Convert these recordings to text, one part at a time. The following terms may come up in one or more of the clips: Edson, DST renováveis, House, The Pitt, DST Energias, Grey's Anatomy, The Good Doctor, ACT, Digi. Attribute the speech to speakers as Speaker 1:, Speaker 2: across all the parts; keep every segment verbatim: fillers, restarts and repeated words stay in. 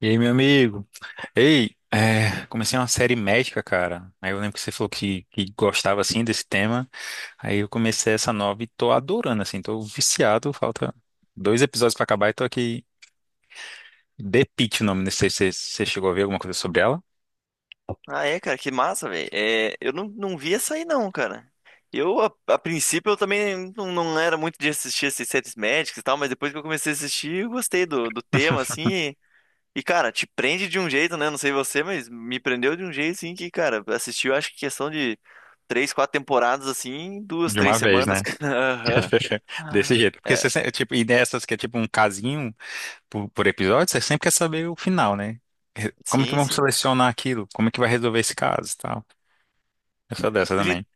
Speaker 1: E aí, meu amigo? Ei, é, comecei uma série médica, cara. Aí eu lembro que você falou que, que gostava, assim, desse tema. Aí eu comecei essa nova e tô adorando, assim. Tô viciado, falta dois episódios pra acabar e tô aqui. The Pitt, o nome. Não sei se você você chegou a ver alguma coisa sobre ela.
Speaker 2: Ah, é, cara, que massa, velho. É, eu não, não vi essa aí, não, cara. Eu, a, a princípio, eu também não, não era muito de assistir esses séries médicas e tal, mas depois que eu comecei a assistir, eu gostei do, do tema, assim. E, e, cara, te prende de um jeito, né? Não sei você, mas me prendeu de um jeito, assim, que, cara, assistiu, acho que questão de três, quatro temporadas, assim, em duas,
Speaker 1: De
Speaker 2: três
Speaker 1: uma vez,
Speaker 2: semanas,
Speaker 1: né?
Speaker 2: cara. Aham.
Speaker 1: Desse
Speaker 2: Ah,
Speaker 1: jeito. Porque
Speaker 2: é,
Speaker 1: você, sempre- tipo, e dessas que é tipo um casinho por, por episódio, você sempre quer saber o final, né? Como é que
Speaker 2: sim,
Speaker 1: vamos
Speaker 2: sim.
Speaker 1: selecionar aquilo? Como é que vai resolver esse caso e tal? Eu sou dessa
Speaker 2: Pois
Speaker 1: também.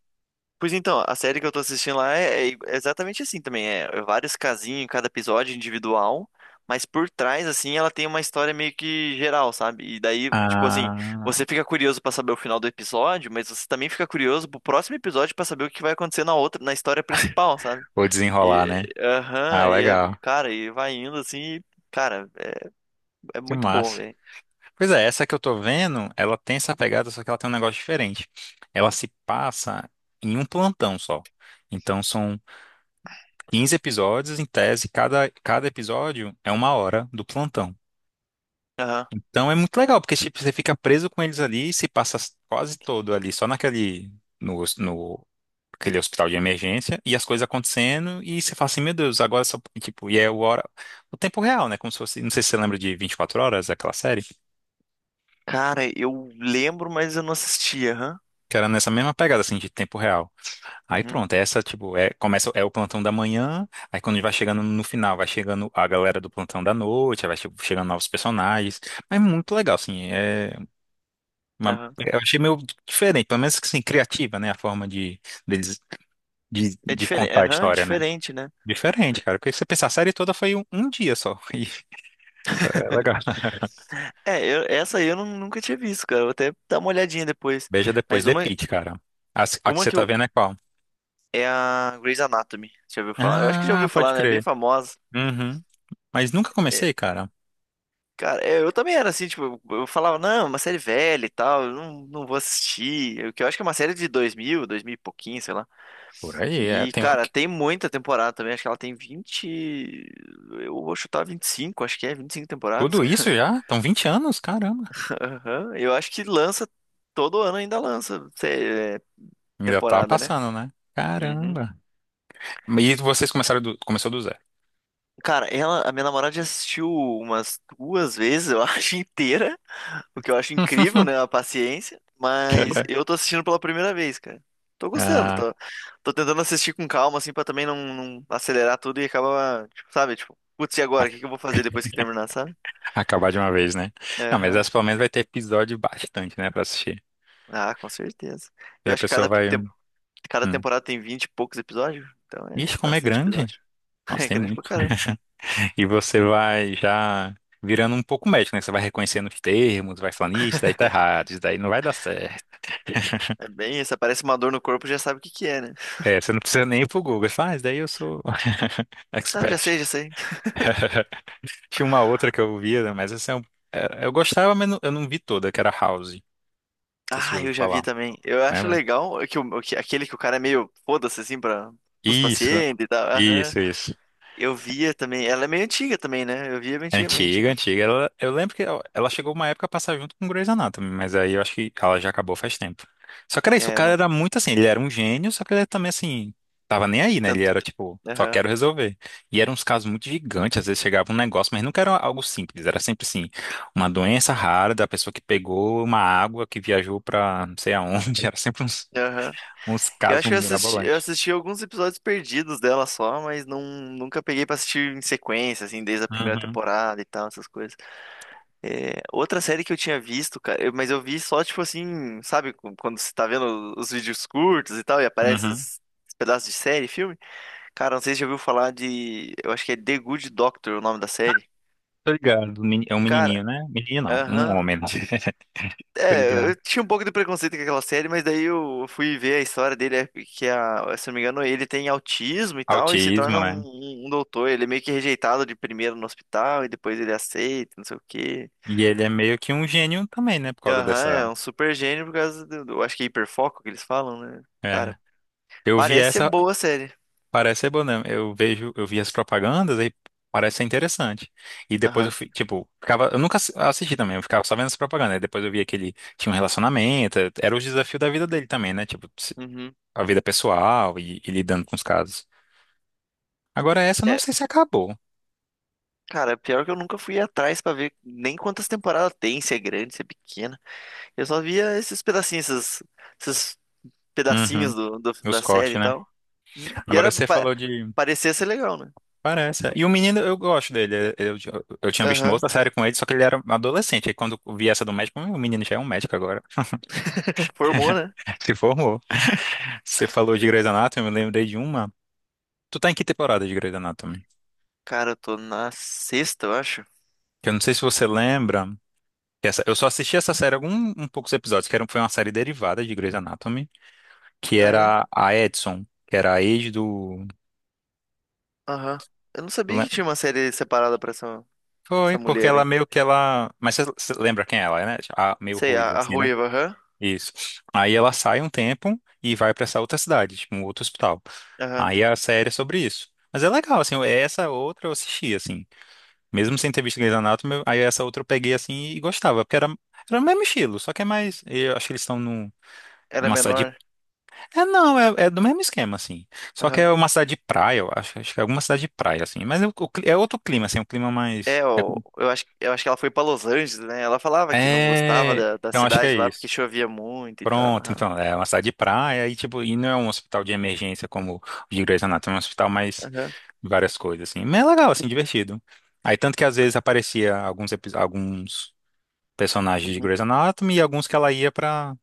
Speaker 2: Pois então, a série que eu tô assistindo lá é, é i- é exatamente assim também. É vários casinhos em cada episódio individual, mas por trás, assim, ela tem uma história meio que geral, sabe? E daí, tipo assim,
Speaker 1: Ah,
Speaker 2: você fica curioso pra saber o final do episódio, mas você também fica curioso pro próximo episódio pra saber o que vai acontecer na outra, na história principal, sabe?
Speaker 1: vou desenrolar,
Speaker 2: E,
Speaker 1: né? Ah,
Speaker 2: aham, e é,
Speaker 1: legal.
Speaker 2: cara, e vai indo assim, e, cara, é, é
Speaker 1: Que
Speaker 2: muito bom,
Speaker 1: massa.
Speaker 2: velho.
Speaker 1: Pois é, essa que eu tô vendo, ela tem essa pegada, só que ela tem um negócio diferente. Ela se passa em um plantão só. Então são quinze episódios, em tese, cada, cada episódio é uma hora do plantão.
Speaker 2: Aham.
Speaker 1: Então é muito legal, porque tipo, você fica preso com eles ali e se passa quase todo ali, só naquele, no, no, aquele hospital de emergência, e as coisas acontecendo, e você fala assim, meu Deus, agora só, tipo, e é o hora, o tempo real, né? Como se fosse, não sei se você lembra de vinte e quatro horas, aquela série.
Speaker 2: Cara, eu lembro, mas eu não assisti, aham.
Speaker 1: Que era nessa mesma pegada, assim, de tempo real. Aí
Speaker 2: Uhum,
Speaker 1: pronto, é essa, tipo, é, começa, é o plantão da manhã, aí quando vai chegando no final, vai chegando a galera do plantão da noite, aí vai che- chegando novos personagens. Mas é muito legal, assim, é uma-
Speaker 2: aham.
Speaker 1: eu achei meio diferente, pelo menos, assim, criativa, né, a forma de, deles, de,
Speaker 2: É
Speaker 1: de
Speaker 2: diferente,
Speaker 1: contar a
Speaker 2: aham,
Speaker 1: história, né?
Speaker 2: diferente, né?
Speaker 1: Diferente, cara, porque se você pensar, a série toda foi um, um dia só. E é legal.
Speaker 2: É, eu- essa aí eu nu- nunca tinha visto, cara. Vou até dar uma olhadinha depois.
Speaker 1: Beija depois,
Speaker 2: Mas
Speaker 1: The
Speaker 2: uma,
Speaker 1: Pitt, cara. A, a que
Speaker 2: uma
Speaker 1: você
Speaker 2: que
Speaker 1: tá
Speaker 2: eu.
Speaker 1: vendo é qual?
Speaker 2: É a Grey's Anatomy. Já ouviu falar? Eu acho que já
Speaker 1: Ah,
Speaker 2: ouviu
Speaker 1: pode
Speaker 2: falar, né? É bem
Speaker 1: crer.
Speaker 2: famosa.
Speaker 1: Uhum. Mas nunca
Speaker 2: É,
Speaker 1: comecei, cara.
Speaker 2: cara, é, eu também era assim, tipo, eu eu falava, não, é uma série velha e tal, eu não, não vou assistir. Eu, que eu acho que é uma série de dois mil, dois mil e pouquinho, sei lá.
Speaker 1: Por aí, é.
Speaker 2: E,
Speaker 1: Tem o-
Speaker 2: cara,
Speaker 1: que-
Speaker 2: tem muita temporada também. Acho que ela tem vinte, eu vou chutar vinte e cinco. Acho que é vinte e cinco temporadas,
Speaker 1: tudo
Speaker 2: cara.
Speaker 1: isso já? Estão vinte anos? Caramba.
Speaker 2: Aham. Eu acho que lança. Todo ano ainda lança, é,
Speaker 1: Ainda tá
Speaker 2: temporada, né?
Speaker 1: passando, né?
Speaker 2: Uhum.
Speaker 1: Caramba. E vocês começaram do, começou do zero.
Speaker 2: Cara, ela, a minha namorada já assistiu umas duas vezes, eu acho, inteira, o que eu acho incrível, né, a paciência, mas eu tô assistindo pela primeira vez, cara. Tô gostando,
Speaker 1: Ah,
Speaker 2: tô, tô tentando assistir com calma, assim, pra também não, não acelerar tudo e acabar, tipo, sabe, tipo, putz, e agora, o que que eu
Speaker 1: a-
Speaker 2: vou fazer depois que terminar, sabe?
Speaker 1: acabar de uma vez, né? Não, mas
Speaker 2: Aham.
Speaker 1: essa pelo menos vai ter episódio bastante, né, pra assistir.
Speaker 2: Ah, com certeza.
Speaker 1: E
Speaker 2: Eu
Speaker 1: a
Speaker 2: acho que
Speaker 1: pessoa
Speaker 2: cada,
Speaker 1: vai.
Speaker 2: tem- cada
Speaker 1: Hum.
Speaker 2: temporada tem vinte e poucos episódios, então é
Speaker 1: Ixi, como é
Speaker 2: bastante
Speaker 1: grande.
Speaker 2: episódio.
Speaker 1: Nossa,
Speaker 2: É
Speaker 1: tem
Speaker 2: grande pra
Speaker 1: muito.
Speaker 2: caramba.
Speaker 1: E você vai já virando um pouco médico, né? Você vai reconhecendo os termos, vai falando, isso daí tá errado, isso daí não vai dar certo.
Speaker 2: É bem isso, aparece uma dor no corpo, já sabe o que que é, né?
Speaker 1: É, você não precisa nem ir pro Google. Você fala, ah, isso daí eu sou
Speaker 2: Não, já
Speaker 1: expert.
Speaker 2: sei, já sei.
Speaker 1: Tinha uma outra que eu via, né, mas essa é um- é, eu gostava, mas não- eu não vi toda, que era House. Não sei se você já
Speaker 2: Ah, eu
Speaker 1: ouviu
Speaker 2: já
Speaker 1: falar,
Speaker 2: vi também. Eu acho
Speaker 1: lembra?
Speaker 2: legal que, o, que aquele que o cara é meio foda-se assim para os
Speaker 1: Isso,
Speaker 2: pacientes e tal. Aham.
Speaker 1: isso, isso.
Speaker 2: Eu via também. Ela é meio antiga também, né? Eu via antigamente,
Speaker 1: Antiga,
Speaker 2: né?
Speaker 1: antiga. Ela, eu lembro que ela, ela chegou uma época a passar junto com Grey's Anatomy, mas aí eu acho que ela já acabou faz tempo. Só que era isso, o
Speaker 2: É, eu
Speaker 1: cara
Speaker 2: não
Speaker 1: era muito assim, ele era um gênio, só que ele era também assim, tava nem aí, né? Ele
Speaker 2: tanto.
Speaker 1: era tipo, só
Speaker 2: Aham.
Speaker 1: quero resolver. E eram uns casos muito gigantes, às vezes chegava um negócio, mas nunca era algo simples, era sempre assim, uma doença rara da pessoa que pegou uma água que viajou pra não sei aonde, era sempre uns,
Speaker 2: Aham.
Speaker 1: uns
Speaker 2: Eu
Speaker 1: casos
Speaker 2: acho que eu assisti, eu
Speaker 1: mirabolantes.
Speaker 2: assisti alguns episódios perdidos dela só, mas não, nunca peguei pra assistir em sequência, assim, desde a primeira
Speaker 1: Uhum,
Speaker 2: temporada e tal, essas coisas. É, outra série que eu tinha visto, cara, eu- mas eu vi só, tipo assim, sabe, quando você tá vendo os vídeos curtos e tal, e aparece
Speaker 1: uhum.
Speaker 2: esses esses pedaços de série, filme? Cara, não sei se você já ouviu falar de. Eu acho que é The Good Doctor o nome da
Speaker 1: Ah,
Speaker 2: série.
Speaker 1: tô ligado. Meni- É um
Speaker 2: Cara,
Speaker 1: menininho, né? Menino não, um
Speaker 2: aham.
Speaker 1: homem. Tô
Speaker 2: É,
Speaker 1: ligado.
Speaker 2: eu tinha um pouco de preconceito com aquela série, mas daí eu fui ver a história dele, é que a, se eu não me engano, ele tem autismo e tal, e se
Speaker 1: Autismo,
Speaker 2: torna um,
Speaker 1: né?
Speaker 2: um- um doutor. Ele é meio que rejeitado de primeiro no hospital, e depois ele aceita, não sei o quê.
Speaker 1: E ele é meio que um gênio também, né? Por causa
Speaker 2: Aham,
Speaker 1: dessa.
Speaker 2: é um super gênio por causa do, do- eu acho que é hiperfoco que eles falam, né?
Speaker 1: É.
Speaker 2: Cara,
Speaker 1: Eu vi
Speaker 2: parece ser
Speaker 1: essa,
Speaker 2: boa a série.
Speaker 1: parece ser bom, né? Eu vejo, eu vi as propagandas aí parece ser interessante. E depois eu
Speaker 2: Aham.
Speaker 1: fui, tipo, ficava, eu nunca assi- assisti também, eu ficava só vendo as propagandas. Aí depois eu via que ele tinha um relacionamento, era o desafio da vida dele também, né? Tipo, se-
Speaker 2: Uhum.
Speaker 1: a vida pessoal e, e lidando com os casos. Agora essa eu não sei se acabou.
Speaker 2: Cara, pior que eu nunca fui atrás pra ver nem quantas temporadas tem, se é grande, se é pequena. Eu só via esses pedacinhos, esses, esses
Speaker 1: Uhum.
Speaker 2: pedacinhos do, do-
Speaker 1: Os
Speaker 2: da série e
Speaker 1: cortes, né?
Speaker 2: tal. Hum. E
Speaker 1: Agora
Speaker 2: era
Speaker 1: você
Speaker 2: pa-
Speaker 1: falou de
Speaker 2: parecia ser legal, né?
Speaker 1: parece. É. E o menino, eu gosto dele. Eu, eu, eu tinha visto uma
Speaker 2: Aham.
Speaker 1: outra série com ele, só que ele era adolescente. Aí quando eu vi essa do médico, hum, o menino já é um médico agora.
Speaker 2: Formou, né?
Speaker 1: Se formou. Você falou de Grey's Anatomy, eu me lembrei de uma. Tu tá em que temporada de Grey's Anatomy?
Speaker 2: Cara, eu tô na sexta, eu acho.
Speaker 1: Que eu não sei se você lembra. Que essa, eu só assisti essa série algum um poucos episódios, que era, um, foi uma série derivada de Grey's Anatomy, que
Speaker 2: Ah, é?
Speaker 1: era a Edson, que era a ex do.
Speaker 2: Aham. Eu não
Speaker 1: do
Speaker 2: sabia que
Speaker 1: Lan-
Speaker 2: tinha uma série separada pra essa, essa
Speaker 1: Foi, porque
Speaker 2: mulher,
Speaker 1: ela
Speaker 2: hein?
Speaker 1: meio que ela. Mas você você lembra quem ela é, né? A, meio
Speaker 2: Sei, a,
Speaker 1: ruiva,
Speaker 2: a
Speaker 1: assim, né?
Speaker 2: ruiva, aham.
Speaker 1: Isso. Aí ela sai um tempo e vai pra essa outra cidade, tipo, um outro hospital.
Speaker 2: Aham.
Speaker 1: Aí a série é sobre isso. Mas é legal, assim, é essa outra eu assisti, assim. Mesmo sem ter visto Grey's Anatomy, eu- aí essa outra eu peguei, assim, e gostava, porque era, era o mesmo estilo, só que é mais. Eu acho que eles estão num-
Speaker 2: Ela é
Speaker 1: numa cidade.
Speaker 2: menor.
Speaker 1: É, não, é, é do mesmo esquema, assim. Só que
Speaker 2: Aham.
Speaker 1: é uma cidade de praia, eu acho, acho que é alguma cidade de praia, assim. Mas é, o- o cli- é outro clima, assim, um clima
Speaker 2: É,
Speaker 1: mais.
Speaker 2: eu, eu acho, eu acho que ela foi pra Los Angeles, né? Ela falava que não gostava
Speaker 1: É. É,
Speaker 2: da, da
Speaker 1: eu acho que é
Speaker 2: cidade lá porque
Speaker 1: isso.
Speaker 2: chovia muito e tal.
Speaker 1: Pronto,
Speaker 2: Aham,
Speaker 1: então, é uma cidade de praia e, tipo, e não é um hospital de emergência como o de Grey's Anatomy, é um hospital mais
Speaker 2: aham,
Speaker 1: várias coisas, assim. Mas é legal, assim, divertido. Aí, tanto que às vezes aparecia alguns, epi- alguns personagens de
Speaker 2: uhum,
Speaker 1: Grey's Anatomy e alguns que ela ia pra...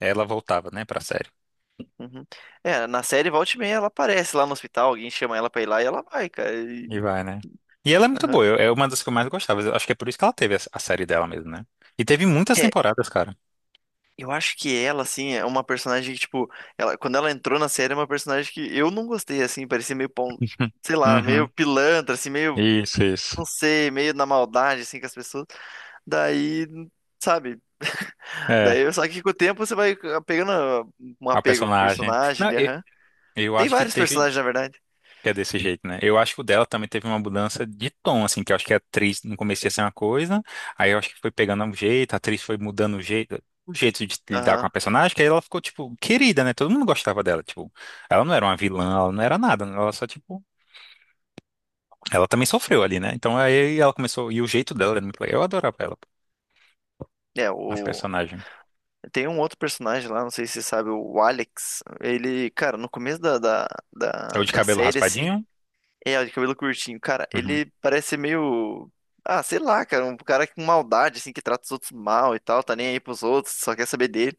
Speaker 1: Ela voltava, né, pra série.
Speaker 2: uhum. É, na série volta e meia ela aparece lá no hospital, alguém chama ela pra ir lá e ela vai, cara.
Speaker 1: E
Speaker 2: E-
Speaker 1: vai, né? E ela é muito boa,
Speaker 2: aham.
Speaker 1: eu- é uma das que eu mais gostava. Eu acho que é por isso que ela teve a a série dela mesmo, né? E teve muitas
Speaker 2: É,
Speaker 1: temporadas, cara.
Speaker 2: eu acho que ela, assim, é uma personagem que, tipo, ela, quando ela entrou na série, é uma personagem que eu não gostei, assim, parecia meio, pão, sei lá, meio
Speaker 1: Uhum.
Speaker 2: pilantra, assim, meio,
Speaker 1: Isso, isso.
Speaker 2: não sei, meio na maldade, assim, com as pessoas. Daí, sabe?
Speaker 1: É,
Speaker 2: Daí, só que com o tempo você vai ah, pegando ah, um
Speaker 1: a
Speaker 2: apego com o
Speaker 1: personagem.
Speaker 2: personagem,
Speaker 1: Não,
Speaker 2: né?
Speaker 1: eu,
Speaker 2: Aham.
Speaker 1: eu
Speaker 2: Tem
Speaker 1: acho que
Speaker 2: vários
Speaker 1: teve.
Speaker 2: personagens, na verdade.
Speaker 1: Que é desse jeito, né? Eu acho que o dela também teve uma mudança de tom, assim, que eu acho que a atriz no começo ia ser uma coisa, aí eu acho que foi pegando um jeito, a atriz foi mudando o jeito, o jeito de lidar com a
Speaker 2: Aham.
Speaker 1: personagem, que aí ela ficou, tipo, querida, né? Todo mundo gostava dela, tipo, ela não era uma vilã, ela não era nada, né? Ela só, tipo, ela também sofreu ali, né? Então aí ela começou, e o jeito dela era muito legal, eu adorava ela,
Speaker 2: É,
Speaker 1: a
Speaker 2: o...
Speaker 1: personagem.
Speaker 2: Tem um outro personagem lá, não sei se você sabe, o Alex. Ele, cara, no começo da, da,
Speaker 1: É
Speaker 2: da,
Speaker 1: o de
Speaker 2: da
Speaker 1: cabelo
Speaker 2: série, assim,
Speaker 1: raspadinho?
Speaker 2: é, o de cabelo curtinho. Cara,
Speaker 1: Uhum.
Speaker 2: ele parece ser meio. Ah, sei lá, cara. Um cara com maldade, assim, que trata os outros mal e tal, tá nem aí pros outros, só quer saber dele.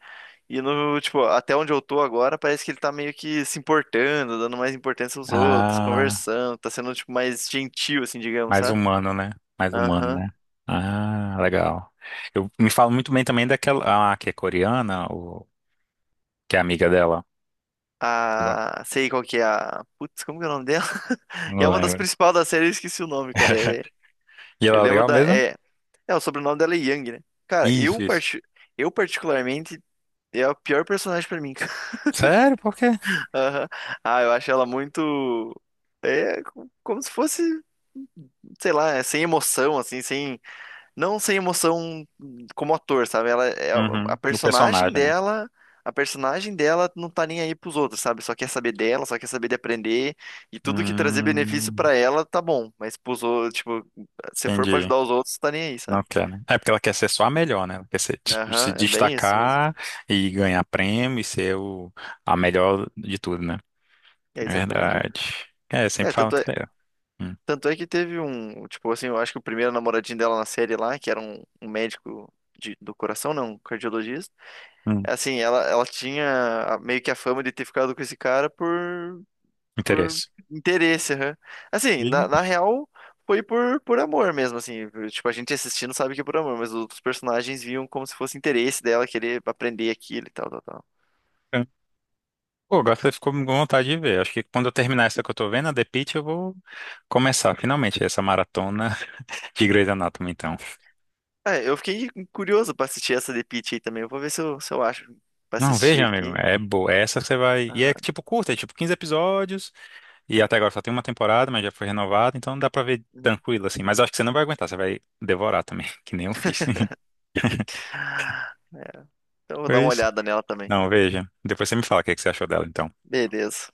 Speaker 2: E no, tipo, até onde eu tô agora, parece que ele tá meio que se importando, dando mais importância aos outros,
Speaker 1: Ah.
Speaker 2: conversando, tá sendo, tipo, mais gentil, assim, digamos,
Speaker 1: Mais
Speaker 2: sabe?
Speaker 1: humano, né? Mais humano,
Speaker 2: Aham.
Speaker 1: né? Ah, legal. Eu me falo muito bem também daquela, ah, que é coreana, o que é amiga dela. Sei lá.
Speaker 2: A. Sei qual que é a. Putz, como que é o nome dela? E é
Speaker 1: Não
Speaker 2: uma das
Speaker 1: lembro.
Speaker 2: principais da série, eu esqueci o nome, cara. É...
Speaker 1: E ela
Speaker 2: Eu
Speaker 1: é
Speaker 2: lembro
Speaker 1: legal
Speaker 2: da.
Speaker 1: mesmo?
Speaker 2: É... é, o sobrenome dela é Young, né? Cara,
Speaker 1: Isso,
Speaker 2: eu,
Speaker 1: isso.
Speaker 2: parti... eu particularmente. E é o pior personagem pra mim, cara.
Speaker 1: Sério? Por quê?
Speaker 2: Aham. Ah, eu acho ela muito. É co- como se fosse, sei lá, é sem emoção, assim, sem. Não sem emoção como ator, sabe? Ela é a
Speaker 1: Uhum. O
Speaker 2: personagem
Speaker 1: personagem, né?
Speaker 2: dela. A personagem dela não tá nem aí pros outros, sabe? Só quer saber dela, só quer saber de aprender. E tudo que trazer benefício
Speaker 1: Hum,
Speaker 2: pra ela, tá bom. Mas pros outros, tipo, se for pra
Speaker 1: entendi.
Speaker 2: ajudar os outros, tá nem aí,
Speaker 1: Não
Speaker 2: sabe?
Speaker 1: quer, né? É porque ela quer ser só a melhor, né? Ela quer ser, tipo, se
Speaker 2: Aham, é bem isso mesmo.
Speaker 1: destacar e ganhar prêmio e ser o, a melhor de tudo, né?
Speaker 2: É exatamente isso.
Speaker 1: Verdade. É, eu
Speaker 2: É,
Speaker 1: sempre falo
Speaker 2: tanto
Speaker 1: que é. Hum,
Speaker 2: Tanto é que teve um, tipo assim, eu acho que o primeiro namoradinho dela na série lá, que era um, um médico de- do coração, não, um cardiologista.
Speaker 1: hum,
Speaker 2: É assim, ela, ela tinha a- meio que a fama de ter ficado com esse cara por, por
Speaker 1: interesse.
Speaker 2: interesse, aham. Assim, na, na
Speaker 1: Ih.
Speaker 2: real, foi por, por amor mesmo, assim. Tipo, a gente assistindo sabe que é por amor, mas os outros personagens viam como se fosse interesse dela querer aprender aquilo e tal, tal, tal.
Speaker 1: Pô, agora você ficou com vontade de ver. Acho que quando eu terminar essa que eu tô vendo, a The Pitt, eu vou começar finalmente essa maratona de Grey's Anatomy, então.
Speaker 2: É, eu fiquei curioso pra assistir essa de Peach aí também. Eu vou ver se eu, se eu acho pra
Speaker 1: Não,
Speaker 2: assistir
Speaker 1: veja, amigo,
Speaker 2: aqui.
Speaker 1: é boa. Essa você vai. E é
Speaker 2: Aham.
Speaker 1: tipo curta, é tipo quinze episódios. E até agora só tem uma temporada, mas já foi renovada, então dá pra ver tranquilo, assim. Mas eu acho que você não vai aguentar, você vai devorar também, que nem eu fiz.
Speaker 2: Uhum. Eu vou dar
Speaker 1: Foi
Speaker 2: uma
Speaker 1: isso.
Speaker 2: olhada nela também.
Speaker 1: Não, veja. Depois você me fala o que que você achou dela, então.
Speaker 2: Beleza.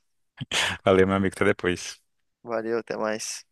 Speaker 1: Valeu, meu amigo, até depois.
Speaker 2: Valeu, até mais.